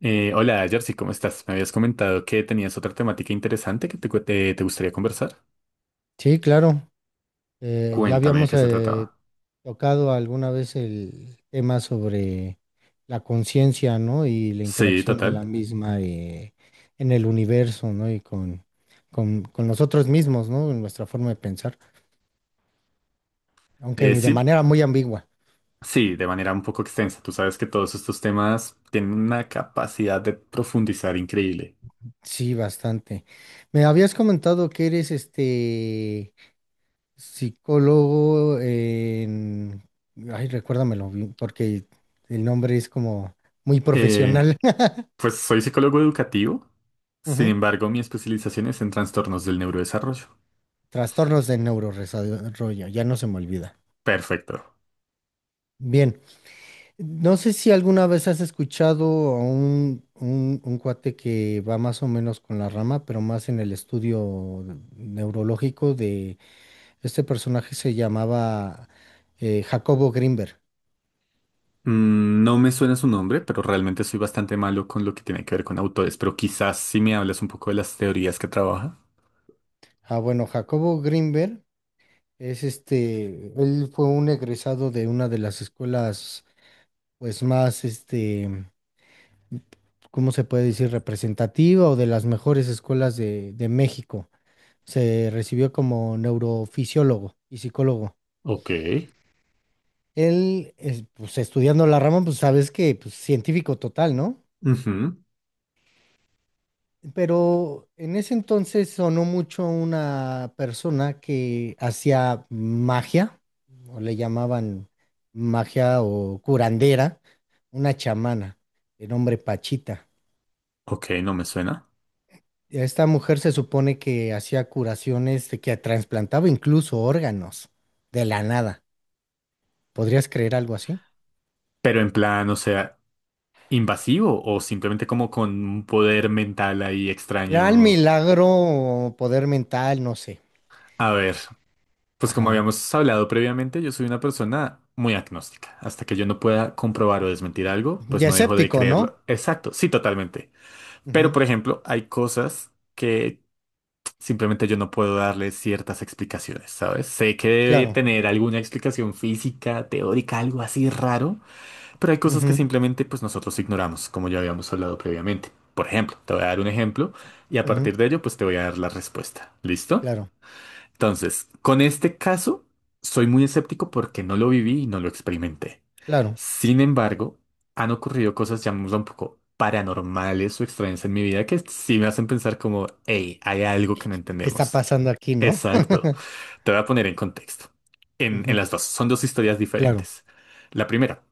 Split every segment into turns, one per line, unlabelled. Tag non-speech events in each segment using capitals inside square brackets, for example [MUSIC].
Hola, Jersey, ¿cómo estás? Me habías comentado que tenías otra temática interesante que te gustaría conversar.
Sí, claro. Eh, ya
Cuéntame de
habíamos
qué se trataba.
eh, tocado alguna vez el tema sobre la conciencia, ¿no? Y la
Sí,
interacción de la
total.
misma en el universo, ¿no? Y con nosotros mismos, ¿no? En nuestra forma de pensar, aunque de
Sí,
manera muy ambigua.
sí, de manera un poco extensa. Tú sabes que todos estos temas tienen una capacidad de profundizar increíble.
Sí, bastante. Me habías comentado que eres este psicólogo en... Ay, recuérdamelo, bien, porque el nombre es como muy
Eh,
profesional.
pues soy psicólogo educativo, sin
[LAUGHS]
embargo, mi especialización es en trastornos del neurodesarrollo.
Trastornos de neurodesarrollo, ya no se me olvida.
Perfecto.
Bien, no sé si alguna vez has escuchado a un cuate que va más o menos con la rama, pero más en el estudio neurológico de este personaje se llamaba Jacobo Grinberg.
No me suena su nombre, pero realmente soy bastante malo con lo que tiene que ver con autores, pero quizás si me hablas un poco de las teorías que trabaja.
Ah, bueno, Jacobo Grinberg es este, él fue un egresado de una de las escuelas, pues más este, ¿cómo se puede decir? Representativa o de las mejores escuelas de México. Se recibió como neurofisiólogo y psicólogo.
Ok.
Él, es, pues estudiando la rama, pues sabes que pues, científico total, ¿no?
Ujú.
Pero en ese entonces sonó mucho una persona que hacía magia, o le llamaban magia o curandera, una chamana, de nombre Pachita.
Ok, no me suena.
Esta mujer se supone que hacía curaciones, de que trasplantaba incluso órganos de la nada. ¿Podrías creer algo así?
Pero en plan, o sea, invasivo o simplemente como con un poder mental ahí
Real
extraño.
milagro, poder mental, no sé.
A ver, pues como
Ajá.
habíamos hablado previamente, yo soy una persona muy agnóstica. Hasta que yo no pueda comprobar o desmentir algo,
Y
pues no dejo de
escéptico,
creerlo.
¿no?
Exacto, sí, totalmente. Pero,
Ujú.
por ejemplo, hay cosas que simplemente yo no puedo darle ciertas explicaciones, ¿sabes? Sé que debe
Claro.
tener alguna explicación física, teórica, algo así raro. Pero hay cosas que
Ujú,
simplemente pues nosotros ignoramos, como ya habíamos hablado previamente. Por ejemplo, te voy a dar un ejemplo y a
ujú.
partir de ello pues te voy a dar la respuesta. ¿Listo?
Claro,
Entonces, con este caso soy muy escéptico porque no lo viví y no lo experimenté.
claro.
Sin embargo, han ocurrido cosas, llamémoslo un poco paranormales o extrañas en mi vida que sí me hacen pensar como, hey, hay algo que no
¿Qué está
entendemos.
pasando aquí, no?
Exacto.
[LAUGHS]
Te voy a poner en contexto. En
Ujú.
las dos, son dos historias
Claro.
diferentes. La primera,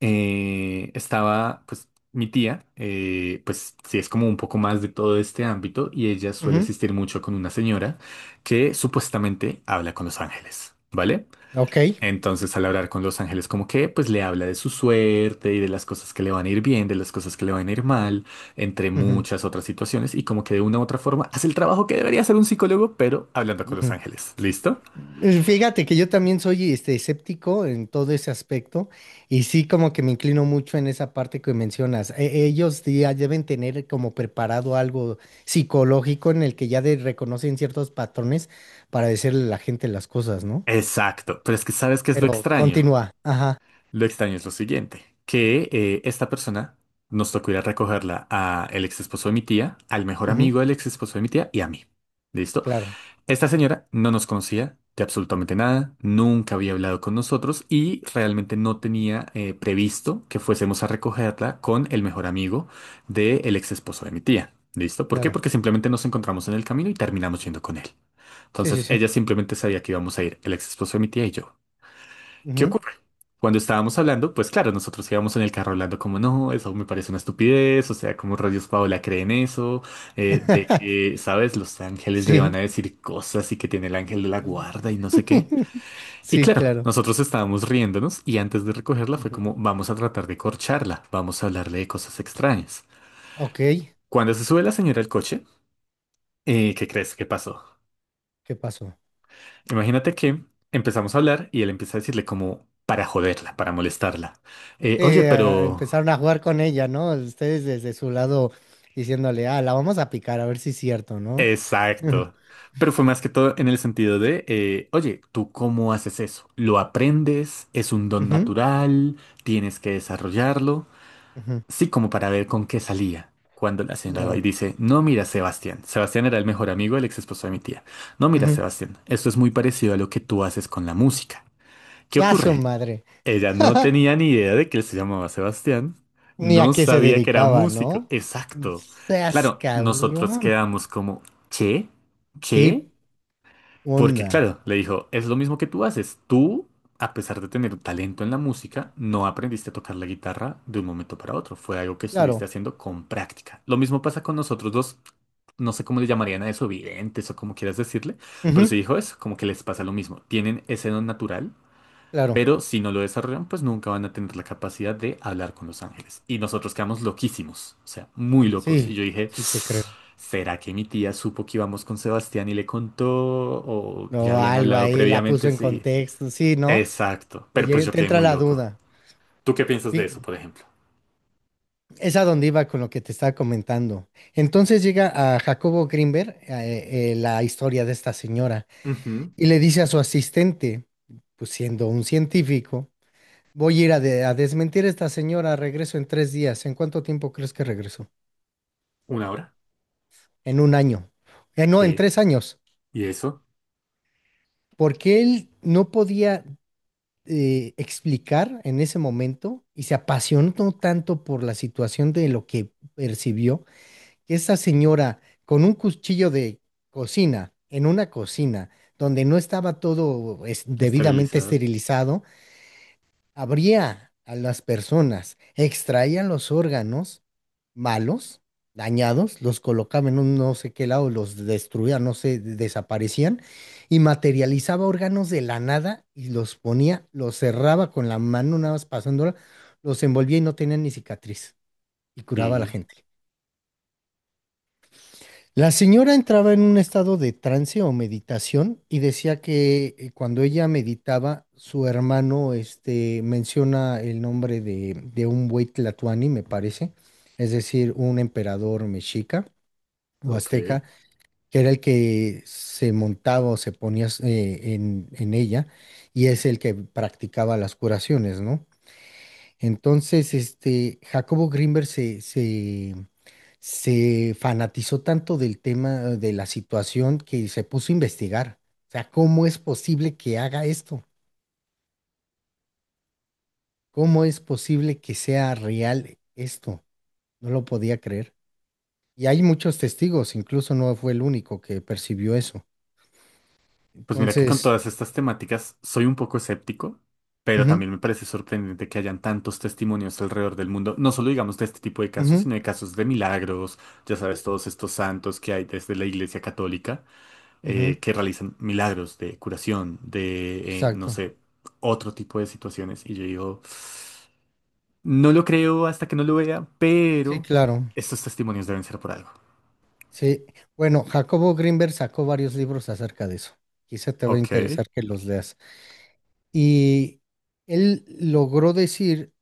estaba, pues, mi tía, pues, sí es como un poco más de todo este ámbito y ella suele
Ujú.
asistir mucho con una señora que supuestamente habla con los ángeles, ¿vale?
Ok.
Entonces, al hablar con los ángeles, como que, pues, le habla de su suerte y de las cosas que le van a ir bien, de las cosas que le van a ir mal, entre
Ujú,
muchas otras situaciones y como que de una u otra forma hace el trabajo que debería hacer un psicólogo, pero hablando con los
ujú.
ángeles, ¿listo?
Fíjate que yo también soy este, escéptico en todo ese aspecto y sí como que me inclino mucho en esa parte que mencionas. E- ellos sí ya deben tener como preparado algo psicológico en el que ya de- reconocen ciertos patrones para decirle a la gente las cosas, ¿no?
Exacto, pero es que ¿sabes qué es lo
Pero
extraño?
continúa. Ajá.
Lo extraño es lo siguiente, que esta persona nos tocó ir a recogerla a el ex esposo de mi tía, al mejor
Ujú.
amigo del ex esposo de mi tía y a mí. ¿Listo?
Claro,
Esta señora no nos conocía de absolutamente nada, nunca había hablado con nosotros y realmente no tenía previsto que fuésemos a recogerla con el mejor amigo del ex esposo de mi tía. ¿Listo? ¿Por qué?
claro.
Porque simplemente nos encontramos en el camino y terminamos yendo con él.
Sí, sí,
Entonces
sí.
ella simplemente sabía que íbamos a ir el ex esposo de mi tía y yo. ¿Qué
Ujú.
ocurre? Cuando estábamos hablando, pues claro, nosotros íbamos en el carro hablando como no, eso me parece una estupidez, o sea, como rayos Paola cree en eso, de
[LAUGHS]
que, ¿sabes? Los ángeles le van a
Sí.
decir cosas y que tiene el ángel de la guarda y
[LAUGHS]
no sé qué. Y
Sí,
claro,
claro.
nosotros estábamos riéndonos y antes de recogerla fue como
Ujú.
vamos a tratar de corcharla, vamos a hablarle de cosas extrañas.
Ok,
Cuando se sube la señora al coche, ¿qué crees que pasó?
¿qué pasó?
Imagínate que empezamos a hablar y él empieza a decirle como para joderla, para molestarla. Oye,
Eh, a-
pero...
empezaron a jugar con ella, ¿no? Ustedes desde su lado diciéndole, ah, la vamos a picar, a ver si es cierto, ¿no? [LAUGHS]
Exacto. Pero fue más que todo en el sentido de, oye, ¿tú cómo haces eso? ¿Lo aprendes? ¿Es un don
Ujú, ujú,
natural? ¿Tienes que desarrollarlo?
ujú,
Sí, como para ver con qué salía. Cuando la señora va y
claro.
dice, no, mira, Sebastián. Sebastián era el mejor amigo del ex esposo de mi tía. No, mira,
Ujú.
Sebastián, esto es muy parecido a lo que tú haces con la música. ¿Qué
A su
ocurre?
madre.
Ella no
[LAUGHS]
tenía ni idea de que él se llamaba Sebastián.
Ni a
No
qué se
sabía que era
dedicaba,
músico.
¿no?
Exacto.
Seas
Claro, nosotros
cabrón.
quedamos como, ¿qué? ¿Qué?
¿Qué
Porque
onda?
claro, le dijo, es lo mismo que tú haces. Tú, a pesar de tener talento en la música, no aprendiste a tocar la guitarra de un momento para otro. Fue algo que estuviste
Claro,
haciendo con práctica. Lo mismo pasa con nosotros dos. No sé cómo le llamarían a eso, videntes o como quieras decirle, pero se
ujú,
dijo eso, como que les pasa lo mismo. Tienen ese don natural
claro.
pero si no lo desarrollan, pues nunca van a tener la capacidad de hablar con los ángeles. Y nosotros quedamos loquísimos, o sea, muy locos. Y
Sí,
yo dije,
sí te creo.
¿será que mi tía supo que íbamos con Sebastián y le contó? ¿O ya
No,
habían
algo
hablado
ahí la puso
previamente?
en
Sí,
contexto, sí, ¿no?
exacto.
Te,
Pero pues
lle-
yo
te
quedé
entra
muy
la
loco.
duda.
¿Tú qué piensas de eso, por ejemplo?
Es a donde iba con lo que te estaba comentando. Entonces llega a Jacobo Greenberg la historia de esta señora
Ujú.
y le dice a su asistente, pues siendo un científico, voy a ir a, de- a desmentir a esta señora, regreso en tres días. ¿En cuánto tiempo crees que regresó?
¿Una hora?
En un año. No, en
¿Qué?
tres años.
¿Y eso?
Porque él no podía explicar en ese momento y se apasionó tanto por la situación de lo que percibió que esa señora con un cuchillo de cocina, en una cocina donde no estaba todo es-
¿Está
debidamente
realizado?
esterilizado, abría a las personas, extraía los órganos malos, dañados, los colocaba en un no sé qué lado, los destruía, no sé, de- desaparecían, y materializaba órganos de la nada y los ponía, los cerraba con la mano, nada más pasándola, los envolvía y no tenían ni cicatriz, y curaba a la
¿Y?
gente. La señora entraba en un estado de trance o meditación y decía que cuando ella meditaba, su hermano este, menciona el nombre de un buey tlatoani, me parece, es decir, un emperador mexica o
Ok.
azteca, que era el que se montaba o se ponía en ella y es el que practicaba las curaciones, ¿no? Entonces, este, Jacobo Grinberg se fanatizó tanto del tema de la situación que se puso a investigar. O sea, ¿cómo es posible que haga esto? ¿Cómo es posible que sea real esto? No lo podía creer. Y hay muchos testigos, incluso no fue el único que percibió eso.
Pues mira que con
Entonces,
todas estas temáticas soy un poco escéptico, pero
ujú,
también me parece sorprendente que hayan tantos testimonios alrededor del mundo, no solo digamos de este tipo de casos,
ujú,
sino de casos de milagros, ya sabes, todos estos santos que hay desde la Iglesia Católica
ujú,
que realizan milagros de curación, de, no
exacto.
sé, otro tipo de situaciones. Y yo digo, no lo creo hasta que no lo vea,
Sí,
pero
claro.
estos testimonios deben ser por algo.
Sí. Bueno, Jacobo Grinberg sacó varios libros acerca de eso. Quizá te va a
Ok,
interesar que los leas. Y él logró decir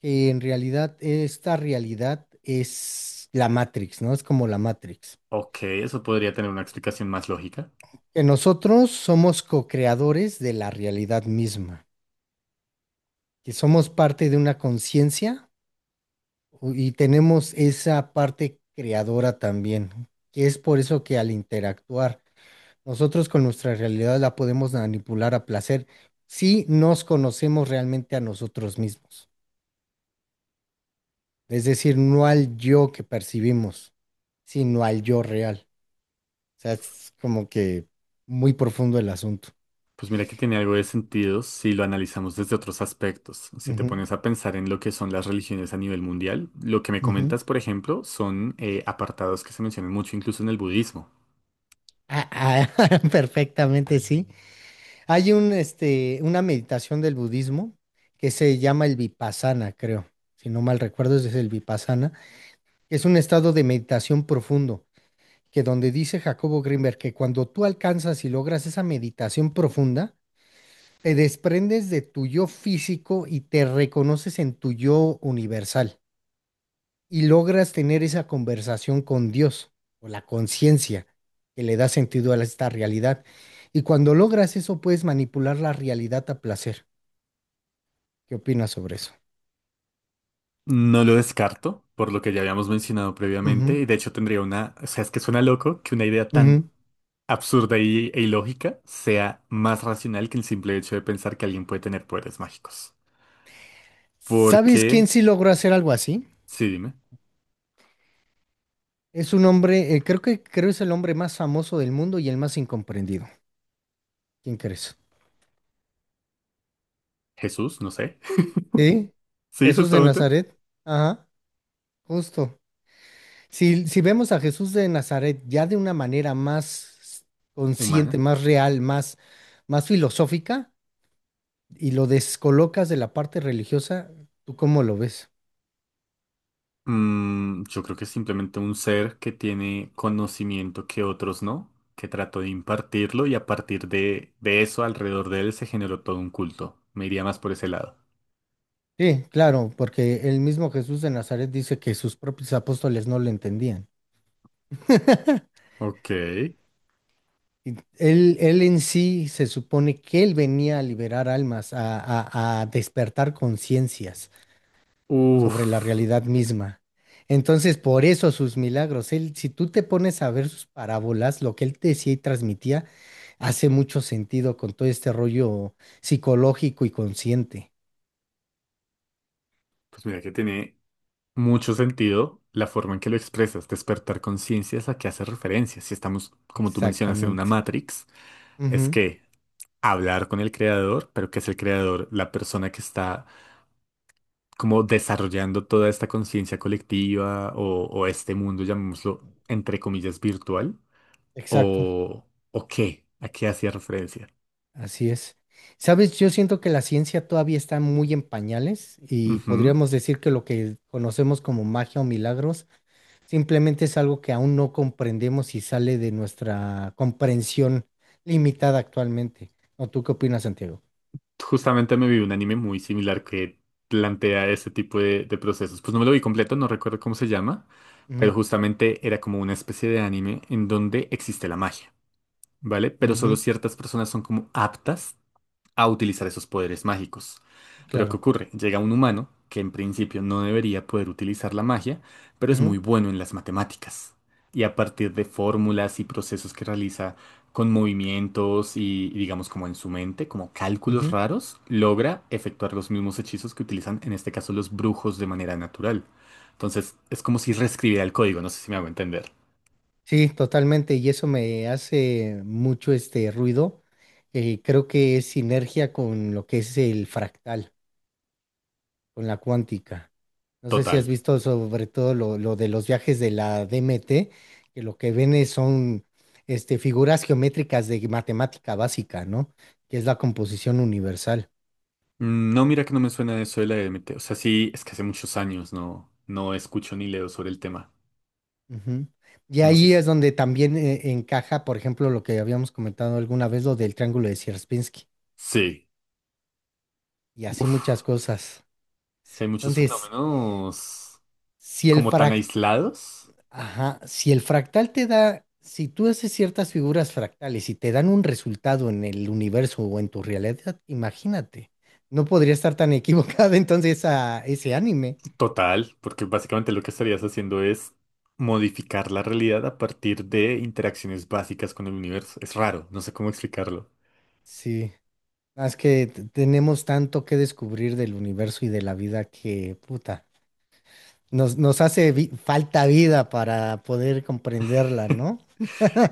que en realidad esta realidad es la Matrix, ¿no? Es como la Matrix.
ok, eso podría tener una explicación más lógica.
Que nosotros somos co-creadores de la realidad misma, que somos parte de una conciencia y tenemos esa parte creadora también, que es por eso que al interactuar nosotros con nuestra realidad la podemos manipular a placer si nos conocemos realmente a nosotros mismos. Es decir, no al yo que percibimos, sino al yo real. Sea, es como que muy profundo el asunto.
Pues mira que tiene algo de sentido si lo analizamos desde otros aspectos. Si te
Ujú,
pones a pensar en lo que son las religiones a nivel mundial, lo que me
ujú.
comentas, por ejemplo, son apartados que se mencionan mucho incluso en el budismo.
Ah, ah, [LAUGHS] perfectamente, sí. Hay un, este, una meditación del budismo que se llama el Vipassana, creo. Si no mal recuerdo, es el Vipassana. Es un estado de meditación profundo, que donde dice Jacobo Grimberg que cuando tú alcanzas y logras esa meditación profunda, te desprendes de tu yo físico y te reconoces en tu yo universal. Y logras tener esa conversación con Dios o la conciencia que le da sentido a esta realidad. Y cuando logras eso, puedes manipular la realidad a placer. ¿Qué opinas sobre eso?
No lo descarto, por lo que ya habíamos mencionado previamente,
Ujú,
y de hecho tendría una, o sea, es que suena loco que una idea tan
ujú.
absurda e ilógica sea más racional que el simple hecho de pensar que alguien puede tener poderes mágicos. Porque,
¿Sabes quién sí logró hacer algo así?
sí, dime,
Es un hombre, creo que creo es el hombre más famoso del mundo y el más incomprendido. ¿Quién crees?
Jesús, no sé.
Sí,
[LAUGHS] Sí,
Jesús de
justamente,
Nazaret. Ajá, justo. Si, si vemos a Jesús de Nazaret ya de una manera más consciente,
humana.
más real, más, más filosófica, y lo descolocas de la parte religiosa, ¿tú cómo lo ves?
Yo creo que es simplemente un ser que tiene conocimiento que otros no, que trató de impartirlo y a partir de eso alrededor de él se generó todo un culto. Me iría más por ese lado.
Sí, claro, porque el mismo Jesús de Nazaret dice que sus propios apóstoles no lo entendían.
Ok.
Y Él en sí se supone que él venía a liberar almas, a despertar conciencias
Uf.
sobre la realidad misma. Entonces, por eso sus milagros, él, si tú te pones a ver sus parábolas, lo que él decía y transmitía, hace mucho sentido con todo este rollo psicológico y consciente.
Pues mira que tiene mucho sentido la forma en que lo expresas. Despertar conciencia es a que hace referencia. Si estamos, como tú mencionas, en una
Exactamente.
Matrix, es
Ujú.
que hablar con el creador, pero que es el creador, la persona que está como desarrollando toda esta conciencia colectiva o este mundo, llamémoslo, entre comillas, ¿virtual?
Exacto,
¿O, o qué? ¿A qué hacía referencia?
así es. Sabes, yo siento que la ciencia todavía está muy en pañales y
Ujú.
podríamos decir que lo que conocemos como magia o milagros simplemente es algo que aún no comprendemos y sale de nuestra comprensión limitada actualmente. ¿O tú qué opinas, Santiago?
Justamente me vi un anime muy similar que plantea ese tipo de procesos. Pues no me lo vi completo, no recuerdo cómo se llama, pero
Ujú,
justamente era como una especie de anime en donde existe la magia, ¿vale? Pero solo
ujú,
ciertas personas son como aptas a utilizar esos poderes mágicos. Pero ¿qué
claro.
ocurre? Llega un humano que en principio no debería poder utilizar la magia, pero es muy
Ujú,
bueno en las matemáticas. Y a partir de fórmulas y procesos que realiza con movimientos y digamos como en su mente, como cálculos
ujú.
raros, logra efectuar los mismos hechizos que utilizan en este caso los brujos de manera natural. Entonces es como si reescribiera el código, no sé si me hago entender.
Sí, totalmente. Y eso me hace mucho este ruido. Creo que es sinergia con lo que es el fractal, con la cuántica. No sé si has
Total.
visto sobre todo lo de los viajes de la DMT, que lo que ven es- son este, figuras geométricas de matemática básica, ¿no? Que es la composición universal.
No, mira que no me suena eso de la DMT. O sea, sí, es que hace muchos años no escucho ni leo sobre el tema.
Ujú. Y
No sé
ahí
si...
es donde también encaja, por ejemplo, lo que habíamos comentado alguna vez, lo del triángulo de Sierpinski,
Sí.
y así muchas
Uf,
cosas.
sí hay muchos
Entonces,
fenómenos
si el...
como tan aislados.
Ajá, si el fractal te da, si tú haces ciertas figuras fractales y te dan un resultado en el universo o en tu realidad, imagínate, no podría estar tan equivocado [LAUGHS] entonces a ese anime.
Total, porque básicamente lo que estarías haciendo es modificar la realidad a partir de interacciones básicas con el universo. Es raro, no sé cómo explicarlo.
Sí, más que t- tenemos tanto que descubrir del universo y de la vida que, puta, nos hace vi- falta vida para poder comprenderla, ¿no?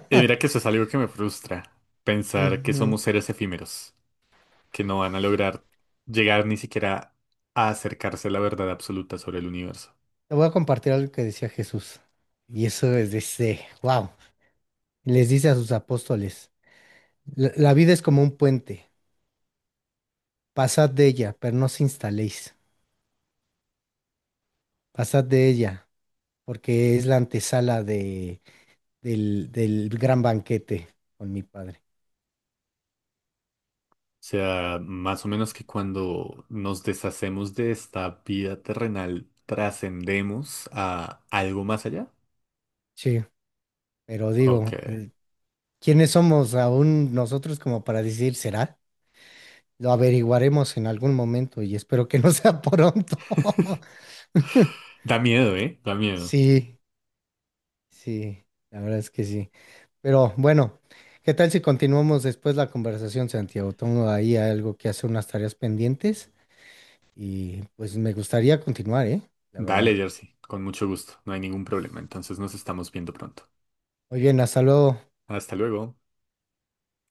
Y mira que eso es algo que me frustra, pensar que
Ujú.
somos seres efímeros. Que no van a lograr llegar ni siquiera a acercarse a la verdad absoluta sobre el universo.
Te voy a compartir algo que decía Jesús. Y eso es de, wow, les dice a sus apóstoles. La vida es como un puente. Pasad de ella, pero no os instaléis. Pasad de ella, porque es la antesala del gran banquete con mi padre.
O sea, más o menos que cuando nos deshacemos de esta vida terrenal, trascendemos a algo más allá.
Sí, pero
Ok.
digo, ¿quiénes somos aún nosotros como para decir será? Lo averiguaremos en algún momento y espero que no sea [LAUGHS] pronto. [LAUGHS]
Da miedo, ¿eh? Da miedo.
Sí, sí, la verdad es que sí. Pero bueno, ¿qué tal si continuamos después la conversación, Santiago? Tengo ahí algo que hacer, unas tareas pendientes y pues me gustaría continuar, ¿eh? La verdad.
Dale, Jersey, con mucho gusto. No hay ningún problema. Entonces nos estamos viendo pronto.
Muy bien, hasta luego.
Hasta luego.